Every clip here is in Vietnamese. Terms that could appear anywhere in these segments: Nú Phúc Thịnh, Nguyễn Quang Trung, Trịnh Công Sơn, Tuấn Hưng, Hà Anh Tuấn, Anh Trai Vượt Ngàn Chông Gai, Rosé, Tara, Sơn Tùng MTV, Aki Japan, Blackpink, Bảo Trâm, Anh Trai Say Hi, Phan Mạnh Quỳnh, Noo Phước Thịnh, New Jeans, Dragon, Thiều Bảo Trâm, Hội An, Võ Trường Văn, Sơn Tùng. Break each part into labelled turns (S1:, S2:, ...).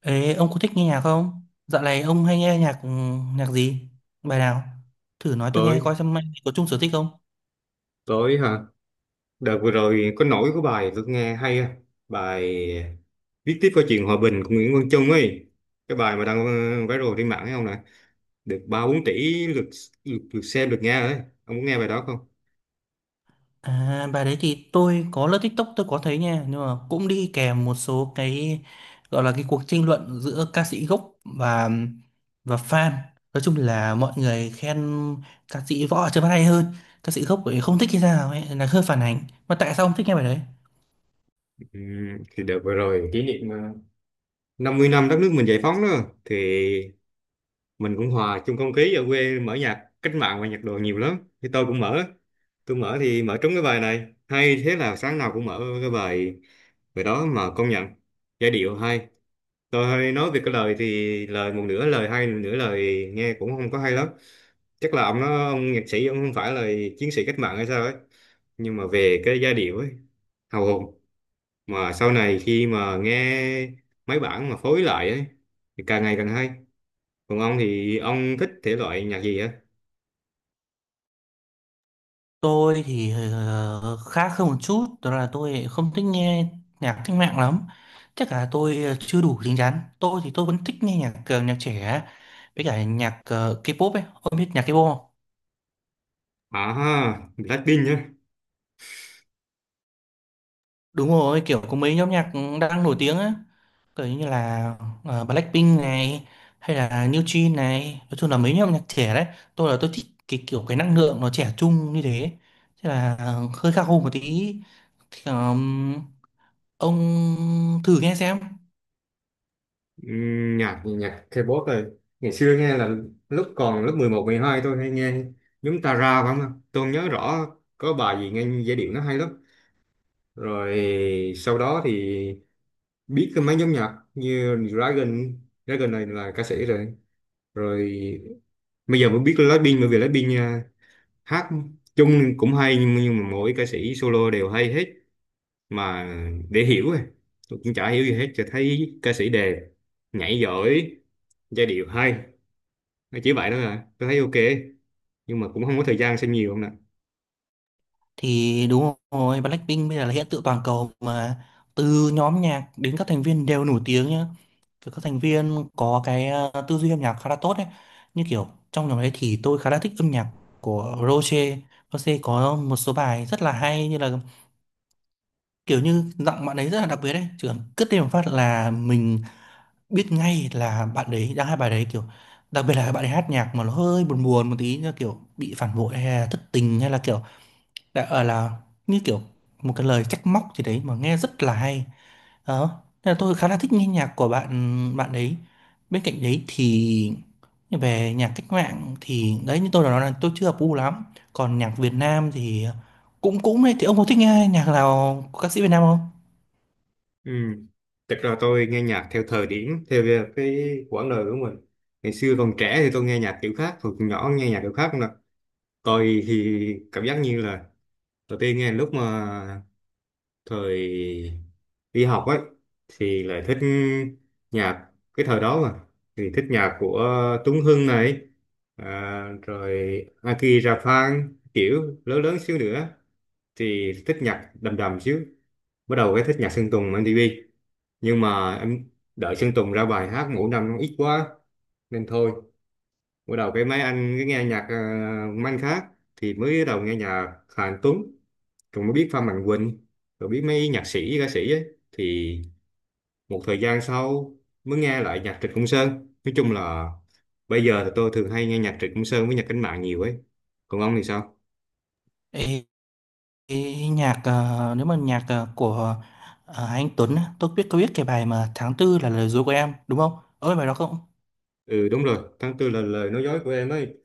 S1: Ê, ông có thích nghe nhạc không? Dạo này ông hay nghe nhạc nhạc gì? Bài nào? Thử nói tôi nghe
S2: Tối
S1: coi xem anh có chung sở thích không?
S2: tối hả? Đợt vừa rồi có nổi của bài tôi nghe hay á. Bài viết tiếp câu chuyện hòa bình của Nguyễn Quang Trung ấy. Cái bài mà đang viral trên mạng ấy không nè? Được ba bốn tỷ lượt, lượt xem, lượt nghe ấy. Ông muốn nghe bài đó không?
S1: À, bài đấy thì tôi có lướt TikTok tôi có thấy nha, nhưng mà cũng đi kèm một số cái gọi là cái cuộc tranh luận giữa ca sĩ gốc và và fan. Nói chung là mọi người khen ca sĩ Võ Trường Văn hay hơn, ca sĩ gốc thì không thích hay sao ấy, là hơi phản ánh. Mà tại sao ông thích nghe bài đấy?
S2: Thì đợt vừa rồi kỷ niệm 50 năm đất nước mình giải phóng đó. Thì mình cũng hòa chung không khí ở quê, mở nhạc cách mạng và nhạc đồ nhiều lắm, thì tôi mở thì mở trúng cái bài này hay, thế là sáng nào cũng mở cái bài bài đó. Mà công nhận giai điệu hay, tôi hay nói về cái lời thì lời một nửa lời hay, một nửa lời nghe cũng không có hay lắm. Chắc là ông nhạc sĩ ông không phải là chiến sĩ cách mạng hay sao ấy, nhưng mà về cái giai điệu ấy hào hùng. Mà sau này khi mà nghe mấy bản mà phối lại ấy thì càng ngày càng hay. Còn ông thì ông thích thể loại nhạc gì á?
S1: Tôi thì khác hơn một chút, đó là tôi không thích nghe nhạc cách mạng lắm. Chắc là tôi chưa đủ chín chắn. Tôi thì tôi vẫn thích nghe nhạc nhạc trẻ với cả nhạc K-pop ấy. Ông biết nhạc K-pop không?
S2: À, Blackpink nhá.
S1: Đúng rồi, kiểu có mấy nhóm nhạc đang nổi tiếng á, kiểu như là Blackpink này hay là New Jeans này, nói chung là mấy nhóm nhạc trẻ đấy. Tôi là tôi thích cái kiểu cái năng lượng nó trẻ trung như thế. Thế là hơi khác hơn một tí. Thì, ông thử nghe xem.
S2: Nhạc nhạc K-pop rồi. Ngày xưa nghe là lúc còn lớp mười một mười hai tôi hay nghe nhóm Tara, phải không? Tôi không nhớ rõ, có bài gì nghe giai điệu nó hay lắm. Rồi sau đó thì biết cái mấy nhóm nhạc như Dragon này là ca sĩ rồi. Rồi bây giờ mới biết Blackpink, bởi vì Blackpink à, hát chung cũng hay, nhưng mà mỗi ca sĩ solo đều hay hết. Mà để hiểu ấy. Tôi cũng chả hiểu gì hết, chỉ thấy ca sĩ đẹp, nhảy giỏi, giai điệu hay, nó chỉ vậy đó à. Tôi thấy ok, nhưng mà cũng không có thời gian xem nhiều không nè.
S1: Thì đúng rồi, Blackpink bây giờ là hiện tượng toàn cầu mà từ nhóm nhạc đến các thành viên đều nổi tiếng nhá. Kiểu các thành viên có cái tư duy âm nhạc khá là tốt đấy. Như kiểu trong nhóm đấy thì tôi khá là thích âm nhạc của Rosé. Rosé có một số bài rất là hay, như là kiểu như giọng bạn ấy rất là đặc biệt đấy. Chỉ cần cất lên một phát là mình biết ngay là bạn đấy đang hát bài đấy, kiểu đặc biệt là bạn ấy hát nhạc mà nó hơi buồn buồn một tí, như kiểu bị phản bội hay là thất tình, hay là kiểu đã ở là như kiểu một cái lời trách móc gì đấy mà nghe rất là hay đó, nên là tôi khá là thích nghe nhạc của bạn bạn ấy. Bên cạnh đấy thì về nhạc cách mạng thì đấy, như tôi đã nói là tôi chưa hợp gu lắm, còn nhạc Việt Nam thì cũng cũng đấy. Thì ông có thích nghe nhạc nào của ca sĩ Việt Nam không?
S2: Ừ. Thật ra tôi nghe nhạc theo thời điểm, theo cái quãng đời của mình. Ngày xưa còn trẻ thì tôi nghe nhạc kiểu khác, hồi còn nhỏ nghe nhạc kiểu khác không nè. Tôi thì cảm giác như là đầu tiên nghe lúc mà thời đi học ấy thì lại thích nhạc cái thời đó mà, thì thích nhạc của Tuấn Hưng này, à, rồi Aki Japan. Kiểu lớn lớn xíu nữa thì thích nhạc đầm đầm xíu, bắt đầu cái thích nhạc Sơn Tùng MTV. Nhưng mà em đợi Sơn Tùng ra bài hát ngủ năm nó ít quá nên thôi, bắt đầu cái mấy anh cái nghe nhạc mấy anh khác. Thì mới bắt đầu nghe nhạc Hà Anh Tuấn, rồi mới biết Phan Mạnh Quỳnh, rồi biết mấy nhạc sĩ ca sĩ ấy. Thì một thời gian sau mới nghe lại nhạc Trịnh Công Sơn. Nói chung là bây giờ thì tôi thường hay nghe nhạc Trịnh Công Sơn với nhạc cách mạng nhiều ấy. Còn ông thì sao?
S1: Ê, ê, nhạc nếu mà nhạc của anh Tuấn á, tôi biết có biết cái bài mà tháng tư là lời dối của em đúng không? Ơi bài đó không?
S2: Ừ, đúng rồi, tháng tư là lời nói dối của em ấy.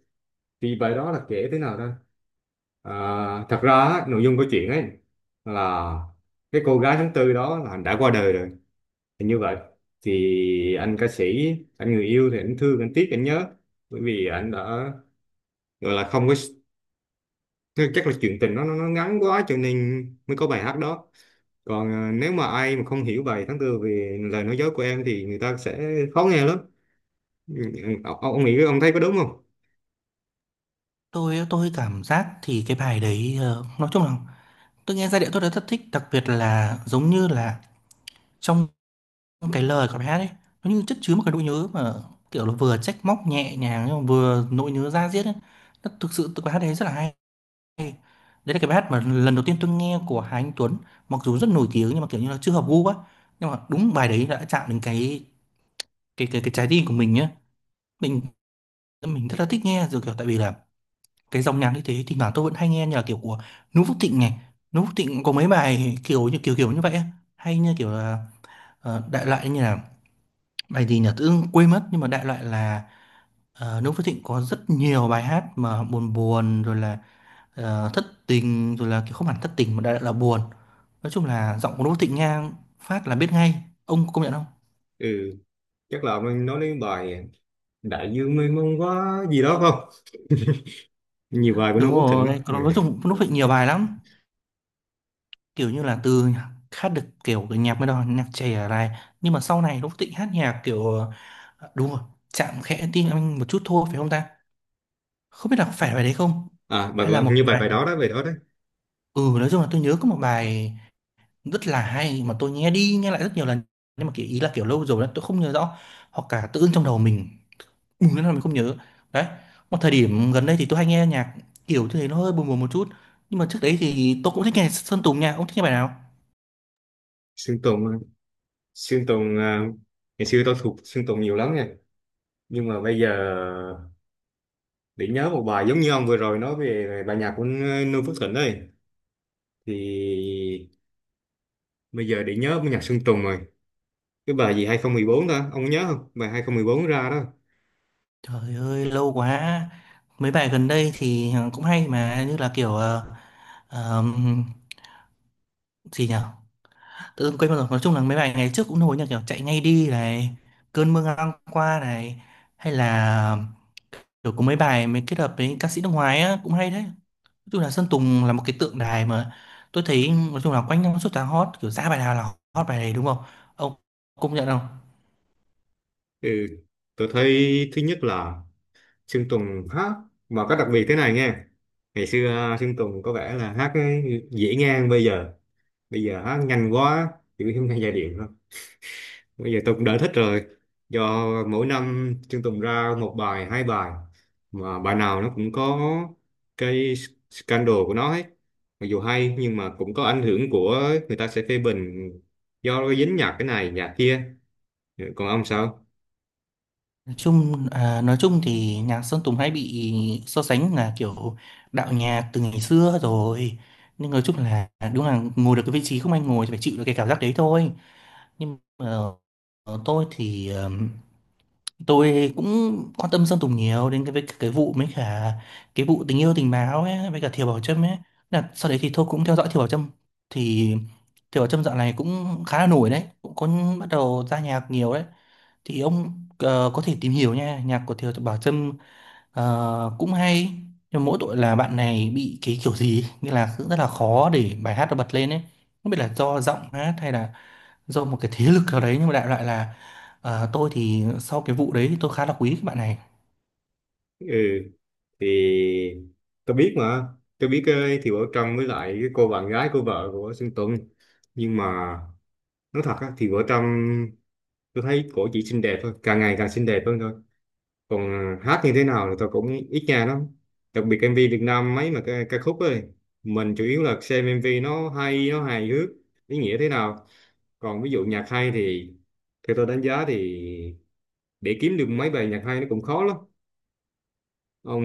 S2: Thì bài đó là kể thế nào ta? À, thật ra á, nội dung câu chuyện ấy là cái cô gái tháng tư đó là đã qua đời rồi. Thì như vậy thì anh ca sĩ, anh người yêu thì anh thương anh tiếc anh nhớ, bởi vì anh đã gọi là không có, chắc là chuyện tình nó ngắn quá cho nên mới có bài hát đó. Còn à, nếu mà ai mà không hiểu bài tháng tư về lời nói dối của em thì người ta sẽ khó nghe lắm. Ừ, ông nghĩ ông thấy có đúng không?
S1: Tôi cảm giác thì cái bài đấy nói chung là tôi nghe giai điệu tôi đã rất thích, đặc biệt là giống như là trong cái lời của bài hát ấy, nó như chất chứa một cái nỗi nhớ, mà kiểu là vừa trách móc nhẹ nhàng nhưng mà vừa nỗi nhớ da diết ấy. Nó thực sự tôi bài hát đấy rất là hay. Đấy là cái bài hát mà lần đầu tiên tôi nghe của Hà Anh Tuấn, mặc dù rất nổi tiếng nhưng mà kiểu như là chưa hợp gu á. Nhưng mà đúng bài đấy đã chạm đến cái trái tim của mình nhá. Mình mình rất là thích nghe rồi, kiểu tại vì là cái dòng nhạc như thế thì thoảng tôi vẫn hay nghe, như là kiểu của Nú Phúc Thịnh này. Nú Phúc Thịnh có mấy bài kiểu như vậy á. Hay như kiểu là đại loại như là bài gì nhỉ, tự dưng quên mất, nhưng mà đại loại là Nú Phúc Thịnh có rất nhiều bài hát mà buồn buồn, rồi là thất tình, rồi là kiểu không hẳn thất tình mà đại loại là buồn. Nói chung là giọng của Nú Phúc Thịnh nghe phát là biết ngay, ông có công nhận không?
S2: Ừ, chắc là mình nói đến bài đại dương mênh mông quá gì đó không? Nhiều bài của
S1: Đúng
S2: Noo Phước Thịnh ấy.
S1: rồi, còn
S2: Ừ.
S1: nói chung Nú Phúc Thịnh nhiều bài lắm, kiểu như là từ hát được kiểu cái nhạc mới đó, nhạc trẻ này, nhưng mà sau này lúc Thịnh hát nhạc kiểu đúng rồi, chạm khẽ tim anh một chút thôi, phải không ta? Không biết là phải bài đấy không,
S2: À bài,
S1: hay là
S2: bài-
S1: một
S2: như
S1: cái
S2: bài bài
S1: bài.
S2: đó đó, bài đó đấy.
S1: Ừ, nói chung là tôi nhớ có một bài rất là hay mà tôi nghe đi nghe lại rất nhiều lần, nhưng mà kiểu ý là kiểu lâu rồi đó, tôi không nhớ rõ, hoặc cả tự dưng trong đầu mình bùng lên là mình không nhớ. Đấy, một thời điểm gần đây thì tôi hay nghe nhạc kiểu như thế, nó hơi buồn buồn một chút, nhưng mà trước đấy thì tôi cũng thích nghe Sơn Tùng nha. Ông thích nghe bài nào?
S2: Sơn Tùng Sơn Tùng à, ngày xưa tôi thuộc Sơn Tùng nhiều lắm nha, nhưng mà bây giờ để nhớ một bài giống như ông vừa rồi nói về bài nhạc của Noo Phước Thịnh ấy, thì bây giờ để nhớ bài nhạc Sơn Tùng rồi. Cái bài gì 2014 ta, ông nhớ không, bài 2014 ra đó.
S1: Trời ơi, lâu quá. Mấy bài gần đây thì cũng hay mà, như là kiểu ờm, gì nhở, tự dưng quên mất rồi. Nói chung là mấy bài ngày trước cũng nổi, như kiểu Chạy Ngay Đi này, Cơn Mưa Ngang Qua này, hay là kiểu có mấy bài mới kết hợp với ca sĩ nước ngoài á cũng hay đấy. Nói chung là Sơn Tùng là một cái tượng đài mà tôi thấy, nói chung là quanh năm suốt tháng hot, kiểu ra bài nào là hot bài này, đúng không? Ông công nhận không?
S2: Ừ. Tôi thấy thứ nhất là Sơn Tùng hát mà có đặc biệt thế này nghe. Ngày xưa à, Sơn Tùng có vẻ là hát dễ ngang, bây giờ hát nhanh quá, chữ không nghe giai điệu. Bây giờ tôi cũng đã thích rồi, do mỗi năm Chương Tùng ra một bài hai bài mà bài nào nó cũng có cái scandal của nó hết. Mặc dù hay nhưng mà cũng có ảnh hưởng của người ta sẽ phê bình, do nó dính nhạc cái này nhạc kia. Ừ, còn ông sao?
S1: Nói chung à, nói chung thì nhạc Sơn Tùng hay bị so sánh là kiểu đạo nhạc từ ngày xưa rồi, nhưng nói chung là đúng là ngồi được cái vị trí không anh ngồi thì phải chịu được cái cảm giác đấy thôi. Nhưng mà tôi thì tôi cũng quan tâm Sơn Tùng nhiều đến cái với cái vụ mấy cả cái vụ tình yêu tình báo ấy với cả Thiều Bảo Trâm ấy, là sau đấy thì tôi cũng theo dõi Thiều Bảo Trâm. Thì Thiều Bảo Trâm dạo này cũng khá là nổi đấy, cũng có bắt đầu ra nhạc nhiều đấy. Thì ông có thể tìm hiểu nha, nhạc của Thiều Bảo Trâm cũng hay, nhưng mỗi tội là bạn này bị cái kiểu gì ấy, nghĩa là cũng rất là khó để bài hát nó bật lên ấy. Không biết là do giọng hát hay là do một cái thế lực nào đấy, nhưng mà đại loại là tôi thì sau cái vụ đấy thì tôi khá là quý các bạn này.
S2: Ừ, thì tôi biết mà tôi biết ơi, thì Bảo Trâm với lại cái cô bạn gái của vợ của Sơn Tùng. Nhưng mà nói thật á, thì Bảo Trâm tôi thấy cổ chỉ xinh đẹp thôi, càng ngày càng xinh đẹp hơn thôi. Còn à, hát như thế nào thì tôi cũng ít nghe lắm, đặc biệt MV Việt Nam mấy mà ca khúc ấy, mình chủ yếu là xem MV nó hay nó hài hước ý nghĩa thế nào. Còn ví dụ nhạc hay thì theo tôi đánh giá thì để kiếm được mấy bài nhạc hay nó cũng khó lắm. Ông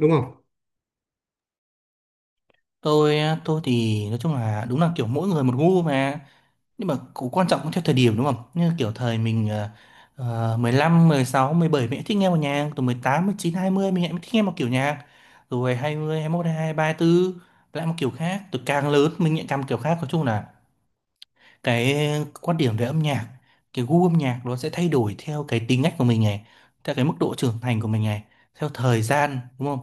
S2: đúng không?
S1: Tôi tôi thì nói chung là đúng là kiểu mỗi người một gu mà, nhưng mà cũng quan trọng, cũng theo thời điểm đúng không, như kiểu thời mình uh, 15, 16, 17 mình cũng thích nghe một nhạc, từ 17, 18, 19, 20 mình cũng thích nghe một kiểu nhạc, rồi 20, 21, mươi 24 lại một kiểu khác. Từ càng lớn mình lại càng một kiểu khác. Nói chung là cái quan điểm về âm nhạc, cái gu âm nhạc nó sẽ thay đổi theo cái tính cách của mình này, theo cái mức độ trưởng thành của mình này, theo thời gian, đúng không?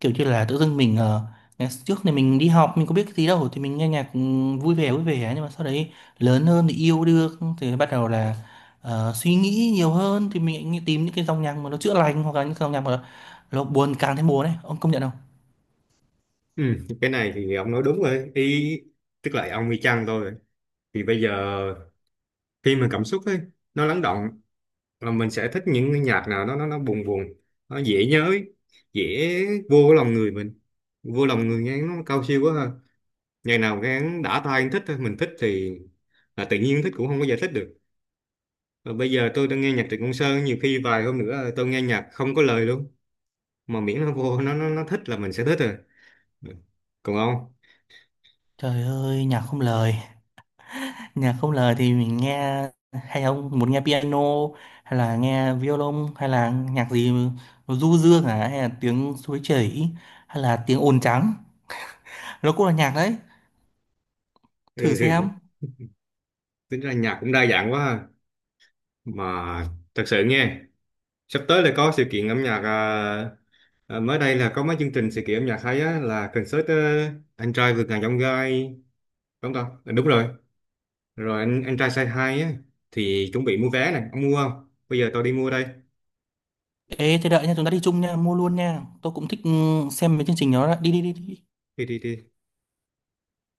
S1: Kiểu như là tự dưng mình ngày trước thì mình đi học mình có biết cái gì đâu, thì mình nghe nhạc vui vẻ vui vẻ, nhưng mà sau đấy lớn hơn thì yêu đương thì bắt đầu là suy nghĩ nhiều hơn, thì mình lại tìm những cái dòng nhạc mà nó chữa lành, hoặc là những dòng nhạc mà nó buồn càng thêm buồn ấy. Ông công nhận không?
S2: Ừ, cái này thì ông nói đúng rồi ý, tức là ông y chang tôi rồi. Thì bây giờ khi mà cảm xúc ấy nó lắng động là mình sẽ thích những cái nhạc nào nó buồn buồn, nó dễ nhớ, dễ vô cái lòng người mình, vô lòng người nghe nó cao siêu quá ha. Ngày nào nghe đã tai thích thôi, mình thích thì là tự nhiên thích, cũng không có giải thích được. Và bây giờ tôi đang nghe nhạc Trịnh Công Sơn, nhiều khi vài hôm nữa tôi nghe nhạc không có lời luôn, mà miễn nó vô nó thích là mình sẽ thích rồi. Ừ. Còn ông?
S1: Trời ơi, nhạc không lời. Nhạc không lời thì mình nghe, hay ông muốn nghe piano, hay là nghe violon, hay là nhạc gì nó du dương, à, hay là tiếng suối chảy, hay là tiếng ồn trắng, nó cũng là nhạc đấy. Thử xem.
S2: Ừ, tính ra nhạc cũng đa dạng quá ha. Mà thật sự nghe sắp tới là có sự kiện âm nhạc à, à, mới đây là có mấy chương trình sự kiện âm nhạc hay á, là concert anh trai vượt ngàn chông gai, đúng không ta? Đúng rồi, rồi anh trai say hi á. Thì chuẩn bị mua vé này, ông mua không, bây giờ tôi đi mua đây.
S1: Ê thế đợi nha, chúng ta đi chung nha, mua luôn nha, tôi cũng thích xem mấy chương trình đó đó. Đi đi đi đi.
S2: Đi đi đi